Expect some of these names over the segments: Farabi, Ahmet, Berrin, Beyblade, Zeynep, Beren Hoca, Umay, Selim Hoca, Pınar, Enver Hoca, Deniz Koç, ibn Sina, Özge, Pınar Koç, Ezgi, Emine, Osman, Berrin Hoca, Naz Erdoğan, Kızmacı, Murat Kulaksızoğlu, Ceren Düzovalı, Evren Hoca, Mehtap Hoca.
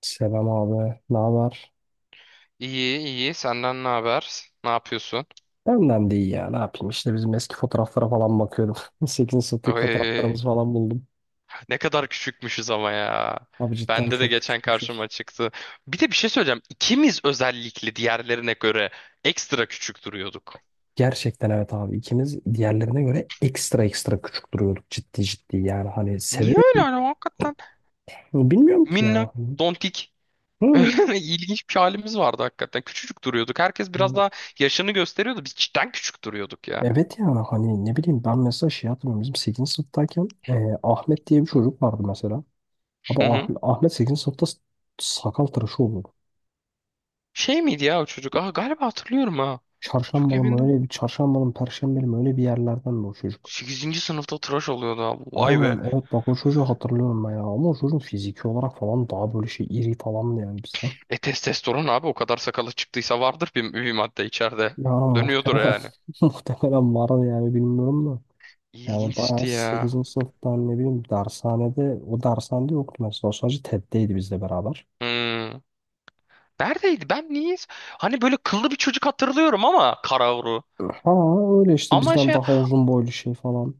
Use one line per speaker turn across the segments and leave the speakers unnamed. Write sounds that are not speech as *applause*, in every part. Selam abi. Ne haber?
İyi iyi, senden ne haber? Ne yapıyorsun?
Benden de iyi ya. Ne yapayım? İşte bizim eski fotoğraflara falan bakıyordum. *laughs* 8. sınıftaki
Oy,
fotoğraflarımız falan buldum.
ne kadar küçükmüşüz ama ya.
Abi cidden
Bende de
çok
geçen karşıma
küçükmüşüz.
çıktı. Bir de bir şey söyleyeceğim. İkimiz, özellikle diğerlerine göre, ekstra küçük duruyorduk.
Gerçekten evet abi. İkimiz diğerlerine göre ekstra ekstra küçük duruyorduk. Ciddi ciddi yani. Hani
Niye
sebebi
öyle hani hakikaten?
bilmiyorum ki
Minnak,
ya.
dontik. *laughs*
Hı.
İlginç bir halimiz vardı hakikaten. Küçücük duruyorduk. Herkes biraz daha yaşını gösteriyordu. Biz cidden küçük duruyorduk ya.
Evet ya hani ne bileyim ben mesela şey hatırlıyorum. Bizim 8. sınıftayken Ahmet diye bir çocuk vardı mesela. Abi
Hı hı.
Ahmet 8. sınıfta sakal tıraşı oldu.
Şey miydi ya o çocuk? Aa, galiba hatırlıyorum ha. Çok
Çarşambalı
emin
mı
değilim.
öyle bir çarşambalı mı perşembeli mi öyle bir yerlerden de o çocuk.
8. sınıfta tıraş oluyordu abi.
Vay
Vay
aynen
be.
be. Evet bak o çocuğu hatırlıyorum ben ya, ama o çocuğun fiziki olarak falan daha böyle şey iri falan da, yani bizden.
E, testosteron abi, o kadar sakalı çıktıysa vardır bir madde içeride.
Yani
Dönüyordur
muhtemelen,
yani.
*laughs* muhtemelen vardı yani, bilmiyorum da. Yani bayağı
İlginçti ya.
sekizinci sınıftan ne bileyim, dershanede o dershanede yoktu mesela, o sadece TED'deydi bizle beraber.
Hmm. Neredeydi? Ben niye? Hani böyle kıllı bir çocuk hatırlıyorum ama Karavru.
Ha öyle işte,
Ama
bizden
şey.
daha uzun boylu şey falan.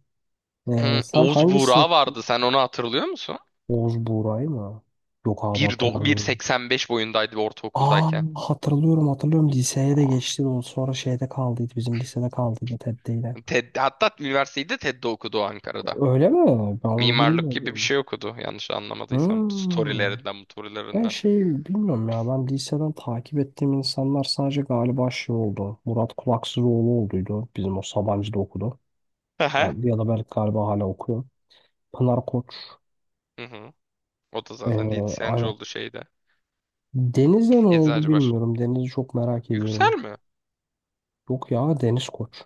Sen
Oğuz
hangi sınıf?
Buğra vardı. Sen onu hatırlıyor musun?
Oğuz Buğra'yı mı? Yok abi, hatırlamıyorum.
1.85 boyundaydı
Aa,
ortaokuldayken.
hatırlıyorum hatırlıyorum, liseye de
Aa.
geçti de o sonra şeyde kaldıydı, bizim lisede kaldıydı, TED'deydi.
TED, hatta üniversiteyi de TED'de okudu Ankara'da.
Öyle mi? Ben onu
Mimarlık gibi bir
bilmiyordum.
şey okudu, yanlış anlamadıysam.
Hmm.
Storylerinden,
Ben
motorilerinden.
şeyi bilmiyorum ya, ben liseden takip ettiğim insanlar sadece galiba şey oldu. Murat Kulaksızoğlu olduydu, bizim o Sabancı'da okudu.
Hı hı.
Ya da belki galiba hala okuyor. Pınar Koç.
Hı hı. O da zaten
Ee,
diyetisyenci
aynen.
oldu şeyde.
Deniz'de ne oldu
Eczacı baş.
bilmiyorum. Deniz'i çok merak
Yüksel
ediyorum.
mi?
Yok ya, Deniz Koç.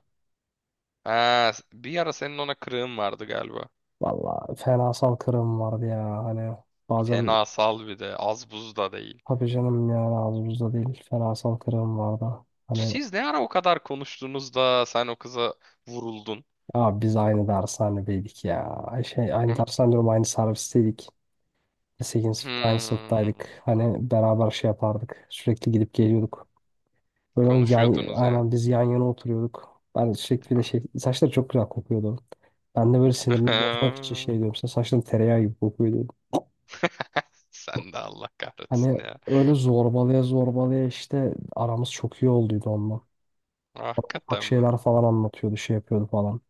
Ha, bir ara senin ona kırığın vardı galiba.
Valla fenasal kırım vardı ya hani. Bazen
Fena sal bir de. Az buz da değil.
tabii canım, yani ağzımızda değil. Ferasal kırım vardı. Hani
Siz ne ara o kadar konuştunuz da sen o kıza vuruldun?
ya biz aynı dershanedeydik ya. Ay şey, aynı dershane diyorum, aynı servisteydik. Lise sınıfta aynı
Hmm,
sınıftaydık. Hani beraber şey yapardık. Sürekli gidip geliyorduk. Böyle onun
konuşuyordunuz yani.
aynen biz yan yana oturuyorduk. Ben sürekli bir de
Ah.
şey, saçları çok güzel kokuyordu. Ben de böyle sinirini bozmak için şey
*laughs*
diyorum, sen saçların tereyağı gibi kokuyor diyordum.
Sen de Allah kahretsin
Hani
ya.
öyle zorbalaya zorbalaya işte, aramız çok iyi olduydu onunla. Bak
Hakikaten mi?
şeyler falan anlatıyordu, şey yapıyordu falan.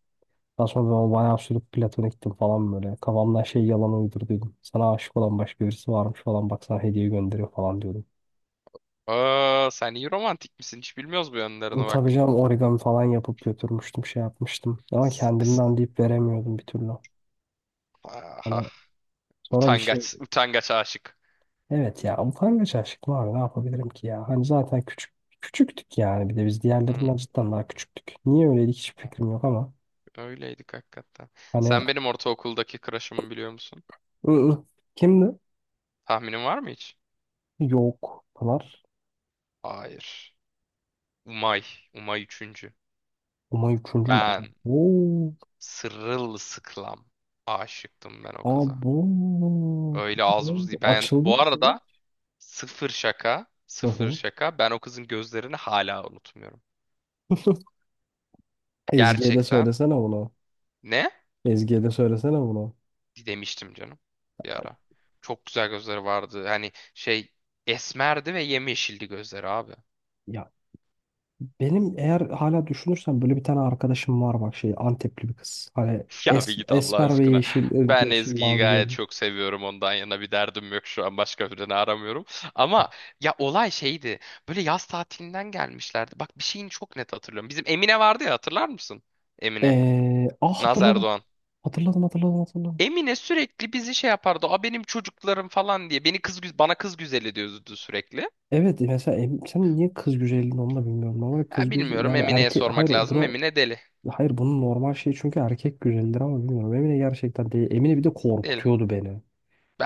Daha sonra ben bayağı sürüp Platon'a gittim falan böyle. Kafamdan şey yalan uydurduydum. Sana aşık olan başka birisi varmış falan, bak sana hediye gönderiyor falan diyordum.
Aa, sen iyi romantik misin? Hiç bilmiyoruz bu yönlerine
Tabii
bak.
canım, origami falan yapıp götürmüştüm, şey yapmıştım. Ama
S- s-
kendimden deyip veremiyordum bir türlü.
Aha,
Hani sonra bir şey,
utangaç, utangaç aşık.
evet ya, utangaç aşık var, ne yapabilirim ki ya. Hani zaten küçük küçüktük yani, bir de biz
Hmm.
diğerlerinden cidden daha küçüktük. Niye öyleydik hiç fikrim yok ama.
Öyleydik hakikaten.
Hani
Sen benim ortaokuldaki crush'ımı biliyor musun?
ı-ı. Kimdi?
Tahminin var mı hiç?
Yok. Pınar.
Hayır. Umay. Umay üçüncü.
Umay üçüncü mü?
Ben
Oo.
sırılsıklam aşıktım ben o kıza.
Abo.
Öyle
Peki ne
az buz
oldu?
değil. Ben
Açıldı
bu
mı senin?
arada sıfır şaka,
Hı
sıfır
hı.
şaka. Ben o kızın gözlerini hala unutmuyorum.
*laughs* Ezgi'ye de
Gerçekten.
söylesene bunu.
Ne?
Ezgi'ye de söylesene bunu.
Demiştim canım bir ara. Çok güzel gözleri vardı. Hani şey esmerdi ve yemyeşildi gözleri abi.
Ya benim eğer hala düşünürsem böyle bir tane arkadaşım var bak, şey Antepli bir kız. Hani
*laughs* Ya bir git Allah
esmer ve
aşkına.
yeşil,
Ben
yeşil
Ezgi'yi
mavi
gayet
gözlü.
çok seviyorum. Ondan yana bir derdim yok şu an. Başka birini aramıyorum. Ama ya olay şeydi. Böyle yaz tatilinden gelmişlerdi. Bak, bir şeyini çok net hatırlıyorum. Bizim Emine vardı ya, hatırlar mısın? Emine.
Ah
Naz
hatırladım.
Erdoğan.
Hatırladım hatırladım hatırladım.
Emine sürekli bizi şey yapardı. A, benim çocuklarım falan diye. Bana kız güzeli diyordu sürekli.
Evet mesela sen niye kız güzelliğini, onu da bilmiyorum. Normal
Ya
kız güzel
bilmiyorum,
yani,
Emine'ye
erkek hayır,
sormak lazım.
bunu,
Emine deli.
hayır bunun normal şey, çünkü erkek güzeldir ama bilmiyorum. Emine gerçekten değil. Emine bir de
Deli.
korkutuyordu beni.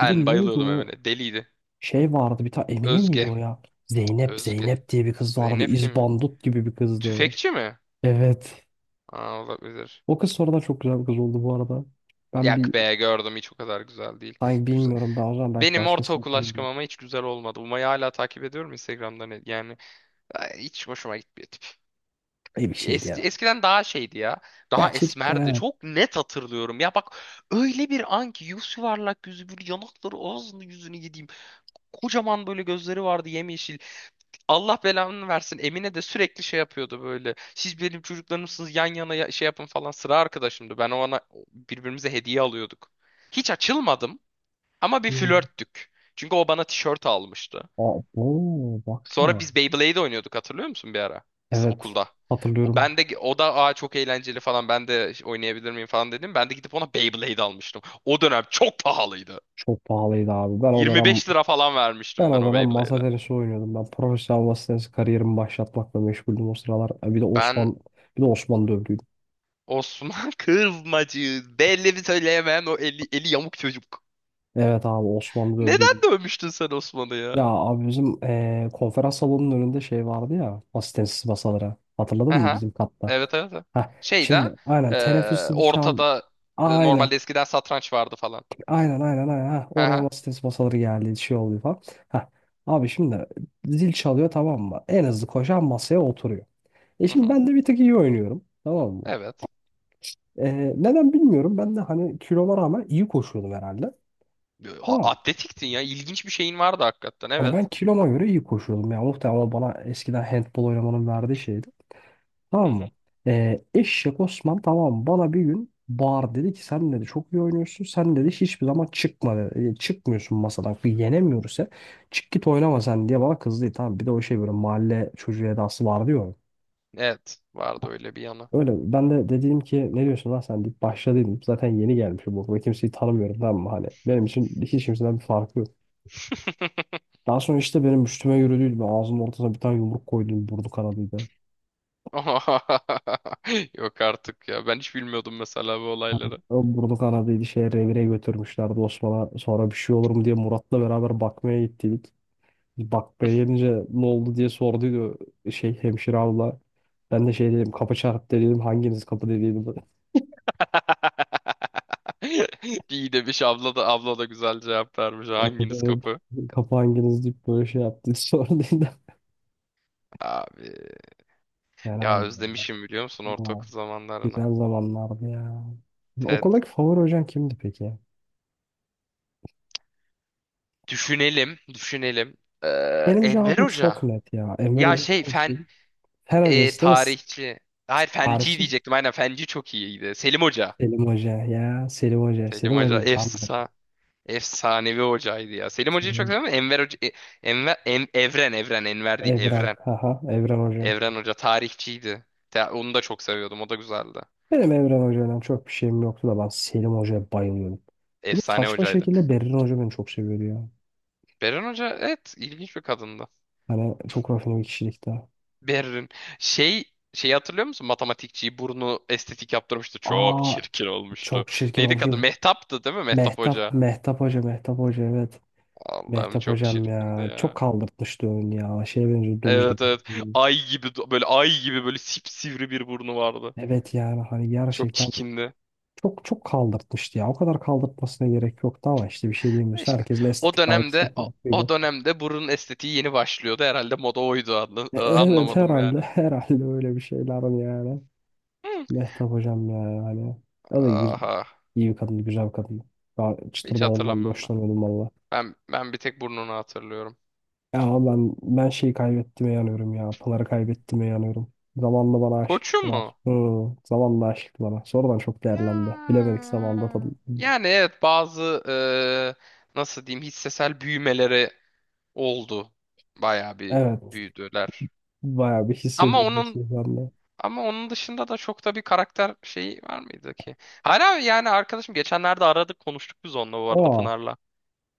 Bir de neydi
bayılıyordum
o
Emine. Deliydi.
şey, vardı bir tane Emine miydi
Özge.
o ya? Zeynep
Özge.
Zeynep diye bir kız vardı.
Zeynep kim ya?
İzbandut gibi bir kızdı.
Tüfekçi mi?
Evet.
Aa, olabilir.
O kız sonradan çok güzel bir kız oldu bu arada. Ben bir,
Yak be, gördüm hiç o kadar güzel değil.
sanki
Güzel.
bilmiyorum, daha o zaman belki
Benim
başkasını
ortaokul aşkım
bilmiyorum.
ama hiç güzel olmadı. Umay'ı hala takip ediyorum Instagram'dan. Yani ay, hiç hoşuma gitmiyor tip.
İyi bir şeydi ya.
Eskiden daha şeydi ya.
Ya
Daha
çocukken
esmerdi.
evet.
Çok net hatırlıyorum. Ya bak, öyle bir an ki yüz, yuvarlak yüzü, bir yanakları, ağzını, yüzünü yediğim. Kocaman böyle gözleri vardı, yemyeşil. Allah belanı versin. Emine de sürekli şey yapıyordu böyle. Siz benim çocuklarımsınız, yan yana şey yapın falan. Sıra arkadaşımdı. Ben ona Birbirimize hediye alıyorduk. Hiç açılmadım ama bir
Hmm.
flörttük. Çünkü o bana tişört almıştı.
Aa, oo,
Sonra
baksana.
biz Beyblade oynuyorduk, hatırlıyor musun bir ara?
Evet.
Okulda. O
Hatırlıyorum.
ben de o da, aa, çok eğlenceli falan, ben de oynayabilir miyim falan dedim. Ben de gidip ona Beyblade almıştım. O dönem çok pahalıydı.
Çok pahalıydı abi. Ben o dönem,
25 lira falan
ben
vermiştim ben
o
o
dönem masa
Beyblade'e.
tenisi oynuyordum. Ben profesyonel masa tenisi kariyerimi başlatmakla meşguldüm o sıralar. E, Bir de
Ben
Osman, bir de Osman dövdü.
Osman *laughs* Kızmacı. Belli bir söyleyemeyen o eli yamuk çocuk.
Evet abi, Osmanlı dövdü.
Neden dövmüştün sen Osman'ı
Ya
ya?
abi bizim konferans salonunun önünde şey vardı ya, asistensiz masalara. Hatırladın mı
Aha.
bizim katta?
Evet, evet, evet.
Heh,
Şey de
şimdi aynen
e,
teneffüs zili çaldı.
ortada
Aynen
normalde eskiden satranç vardı falan.
aynen aynen aynen. Heh, oraya
Aha.
asistensiz masaları geldi, şey oluyor falan. Heh, abi şimdi zil çalıyor tamam mı? En hızlı koşan masaya oturuyor.
Hı
Şimdi
hı.
ben de bir tık iyi oynuyorum tamam mı?
Evet.
Neden bilmiyorum, ben de hani kiloma rağmen iyi koşuyordum herhalde. Tamam.
Atletiktin ya. İlginç bir şeyin vardı hakikaten.
Hani ben
Evet.
kiloma göre iyi koşuyordum. Yani muhtemelen o bana eskiden handbol oynamanın verdiği şeydi.
Hı
Tamam mı?
hı.
Eşek Osman tamam mı? Bana bir gün bağır dedi ki, sen dedi çok iyi oynuyorsun. Sen dedi hiçbir zaman çıkma dedi. Çıkmıyorsun masadan. Yenemiyoruz ya. Çık git oynama sen diye bana kızdı. Tamam, bir de o şey, böyle mahalle çocuğu edası vardı ya onun.
Evet. Vardı öyle bir yanı.
Öyle ben de dedim ki, ne diyorsun lan sen deyip başladıydım. Zaten yeni gelmişim bu okula. Kimseyi tanımıyorum tamam mı? Hani benim için hiç kimseden bir farkı yok. Daha sonra işte benim üstüme yürüdüydü. Ben ağzımın ortasına bir tane yumruk koydum. Burdu kanadıydı.
*laughs* Yok artık ya. Ben hiç bilmiyordum mesela bu
Yani
olayları.
o burdu kanadıydı. Şeye, revire götürmüşlerdi Osman'a. Sonra bir şey olur mu diye Murat'la beraber bakmaya gittik. Bakmaya gelince ne oldu diye sorduydu şey, hemşire abla. Ben de şey dedim, kapı çarptı dedim. Hanginiz kapı dediydi. *laughs*
*laughs* İyi demiş, abla da abla da güzel cevap vermiş.
Evet,
Hanginiz
evet.
kapı?
Kapı hanginiz deyip böyle şey yaptı. *laughs* Sorduydu.
Abi
Yani
ya,
aynen öyle.
özlemişim biliyor musun
Ama
ortaokul zamanlarını.
güzel zamanlardı ya.
Evet.
Okuldaki favori hocan kimdi peki?
Düşünelim, düşünelim. Ee,
Benim
Enver
cevabım
Hoca.
çok net ya. Enver
Ya
Hoca
şey,
hangisi?
fen,
Fen hocası değil mi?
tarihçi. Hayır, fenci
Tarihçi
diyecektim. Aynen, fenci çok iyiydi. Selim Hoca.
Selim Hoca ya. Selim Hoca.
Selim
Selim
Hoca
Hoca candır.
efsanevi hocaydı ya. Selim Hoca'yı çok
Selim,
seviyorum ama Enver Hoca, Evren, Enver değil
Evren.
Evren.
Haha, Evren Hoca.
Evren Hoca tarihçiydi. Ya, onu da çok seviyordum. O da güzeldi.
Benim Evren Hoca'yla çok bir şeyim yoktu da ben Selim Hoca'ya bayılıyorum. Bir de
Efsane
saçma
hocaydı.
şekilde Berrin Hoca beni çok seviyordu ya.
Beren Hoca evet, ilginç bir kadındı.
Hani çok rafine bir kişilikte.
Berrin, şey, şeyi hatırlıyor musun? Matematikçiyi, burnu estetik yaptırmıştı. Çok
Aa,
çirkin
çok
olmuştu.
çirkin
Neydi kadın?
olmuşum.
Mehtap'tı değil mi? Mehtap Hoca.
Mehtap Hoca, Mehtap Hoca evet.
Allah'ım
Mehtap
çok
Hocam
çirkindi
ya.
ya.
Çok kaldırtmıştı oyunu ya. Şeye benziyor, domuz.
Evet, evet. Ay gibi böyle, ay gibi böyle sipsivri bir burnu vardı.
Evet yani hani
Çok
gerçekten
çikindi.
çok çok kaldırtmıştı ya. O kadar kaldırtmasına gerek yoktu ama işte bir şey
Ve
diyemiyorsun.
İşte
Herkesin
o
estetik algısı da
dönemde,
farklıydı.
burun estetiği yeni başlıyordu. Herhalde moda oydu,
Evet
anlamadım yani.
herhalde, *laughs* herhalde öyle bir şeylerin yani.
Hı.
Mehtap hocam ya yani. O da iyi,
Aha.
iyi bir kadın, güzel bir kadın. Daha
Hiç
çıtırdan ondan da
hatırlamıyorum ben.
hoşlanıyordum valla.
Ben bir tek burnunu hatırlıyorum.
Ya ben şeyi kaybettiğime yanıyorum ya. Pınar'ı kaybettiğime yanıyorum. Zamanla bana
Koçu
aşıktılar.
mu?
Hı, zamanla aşıktı bana. Sonradan çok değerlendi.
Ya.
Bilemedik zamanda tabii.
Yani evet, bazı nasıl diyeyim, hissesel büyümeleri oldu. Bayağı bir
Evet.
büyüdüler.
Bayağı bir hisse
Ama onun
büyümesi bende.
ama onun dışında da çok da bir karakter şeyi var mıydı ki? Hala yani arkadaşım, geçenlerde aradık konuştuk biz onunla bu arada, Pınar'la.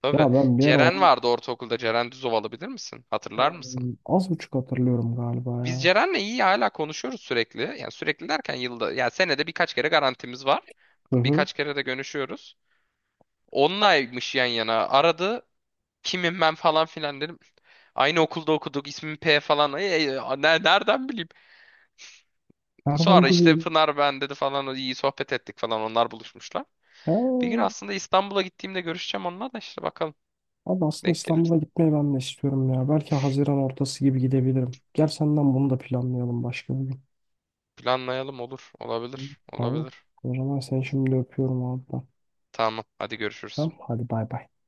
Tabii.
Ya ben bir ara
Ceren
onu,
vardı ortaokulda. Ceren Düzovalı, bilir misin? Hatırlar mısın?
az buçuk hatırlıyorum galiba
Biz
ya.
Ceren'le iyi, hala konuşuyoruz sürekli. Yani sürekli derken, yılda, yani senede birkaç kere garantimiz var.
Hı hı.
Birkaç kere de görüşüyoruz. Onunlaymış yan yana. Aradı. Kimim ben falan filan dedim. Aynı okulda okuduk, ismim P falan. Ay, ay, ay, nereden bileyim?
Nereden
Sonra
abi
işte,
bileyim?
Pınar ben dedi falan. İyi sohbet ettik falan. Onlar buluşmuşlar.
Ha,
Bir gün aslında İstanbul'a gittiğimde görüşeceğim onunla da, işte bakalım.
abi aslında
Denk gelir.
İstanbul'a gitmeyi ben de istiyorum ya. Belki Haziran ortası gibi gidebilirim. Gel senden bunu da planlayalım başka bir gün.
Planlayalım, olur. Olabilir.
Tamam.
Olabilir.
O zaman seni şimdi öpüyorum abi. Ben.
Tamam. Hadi görüşürüz.
Tamam. Hadi bay bay.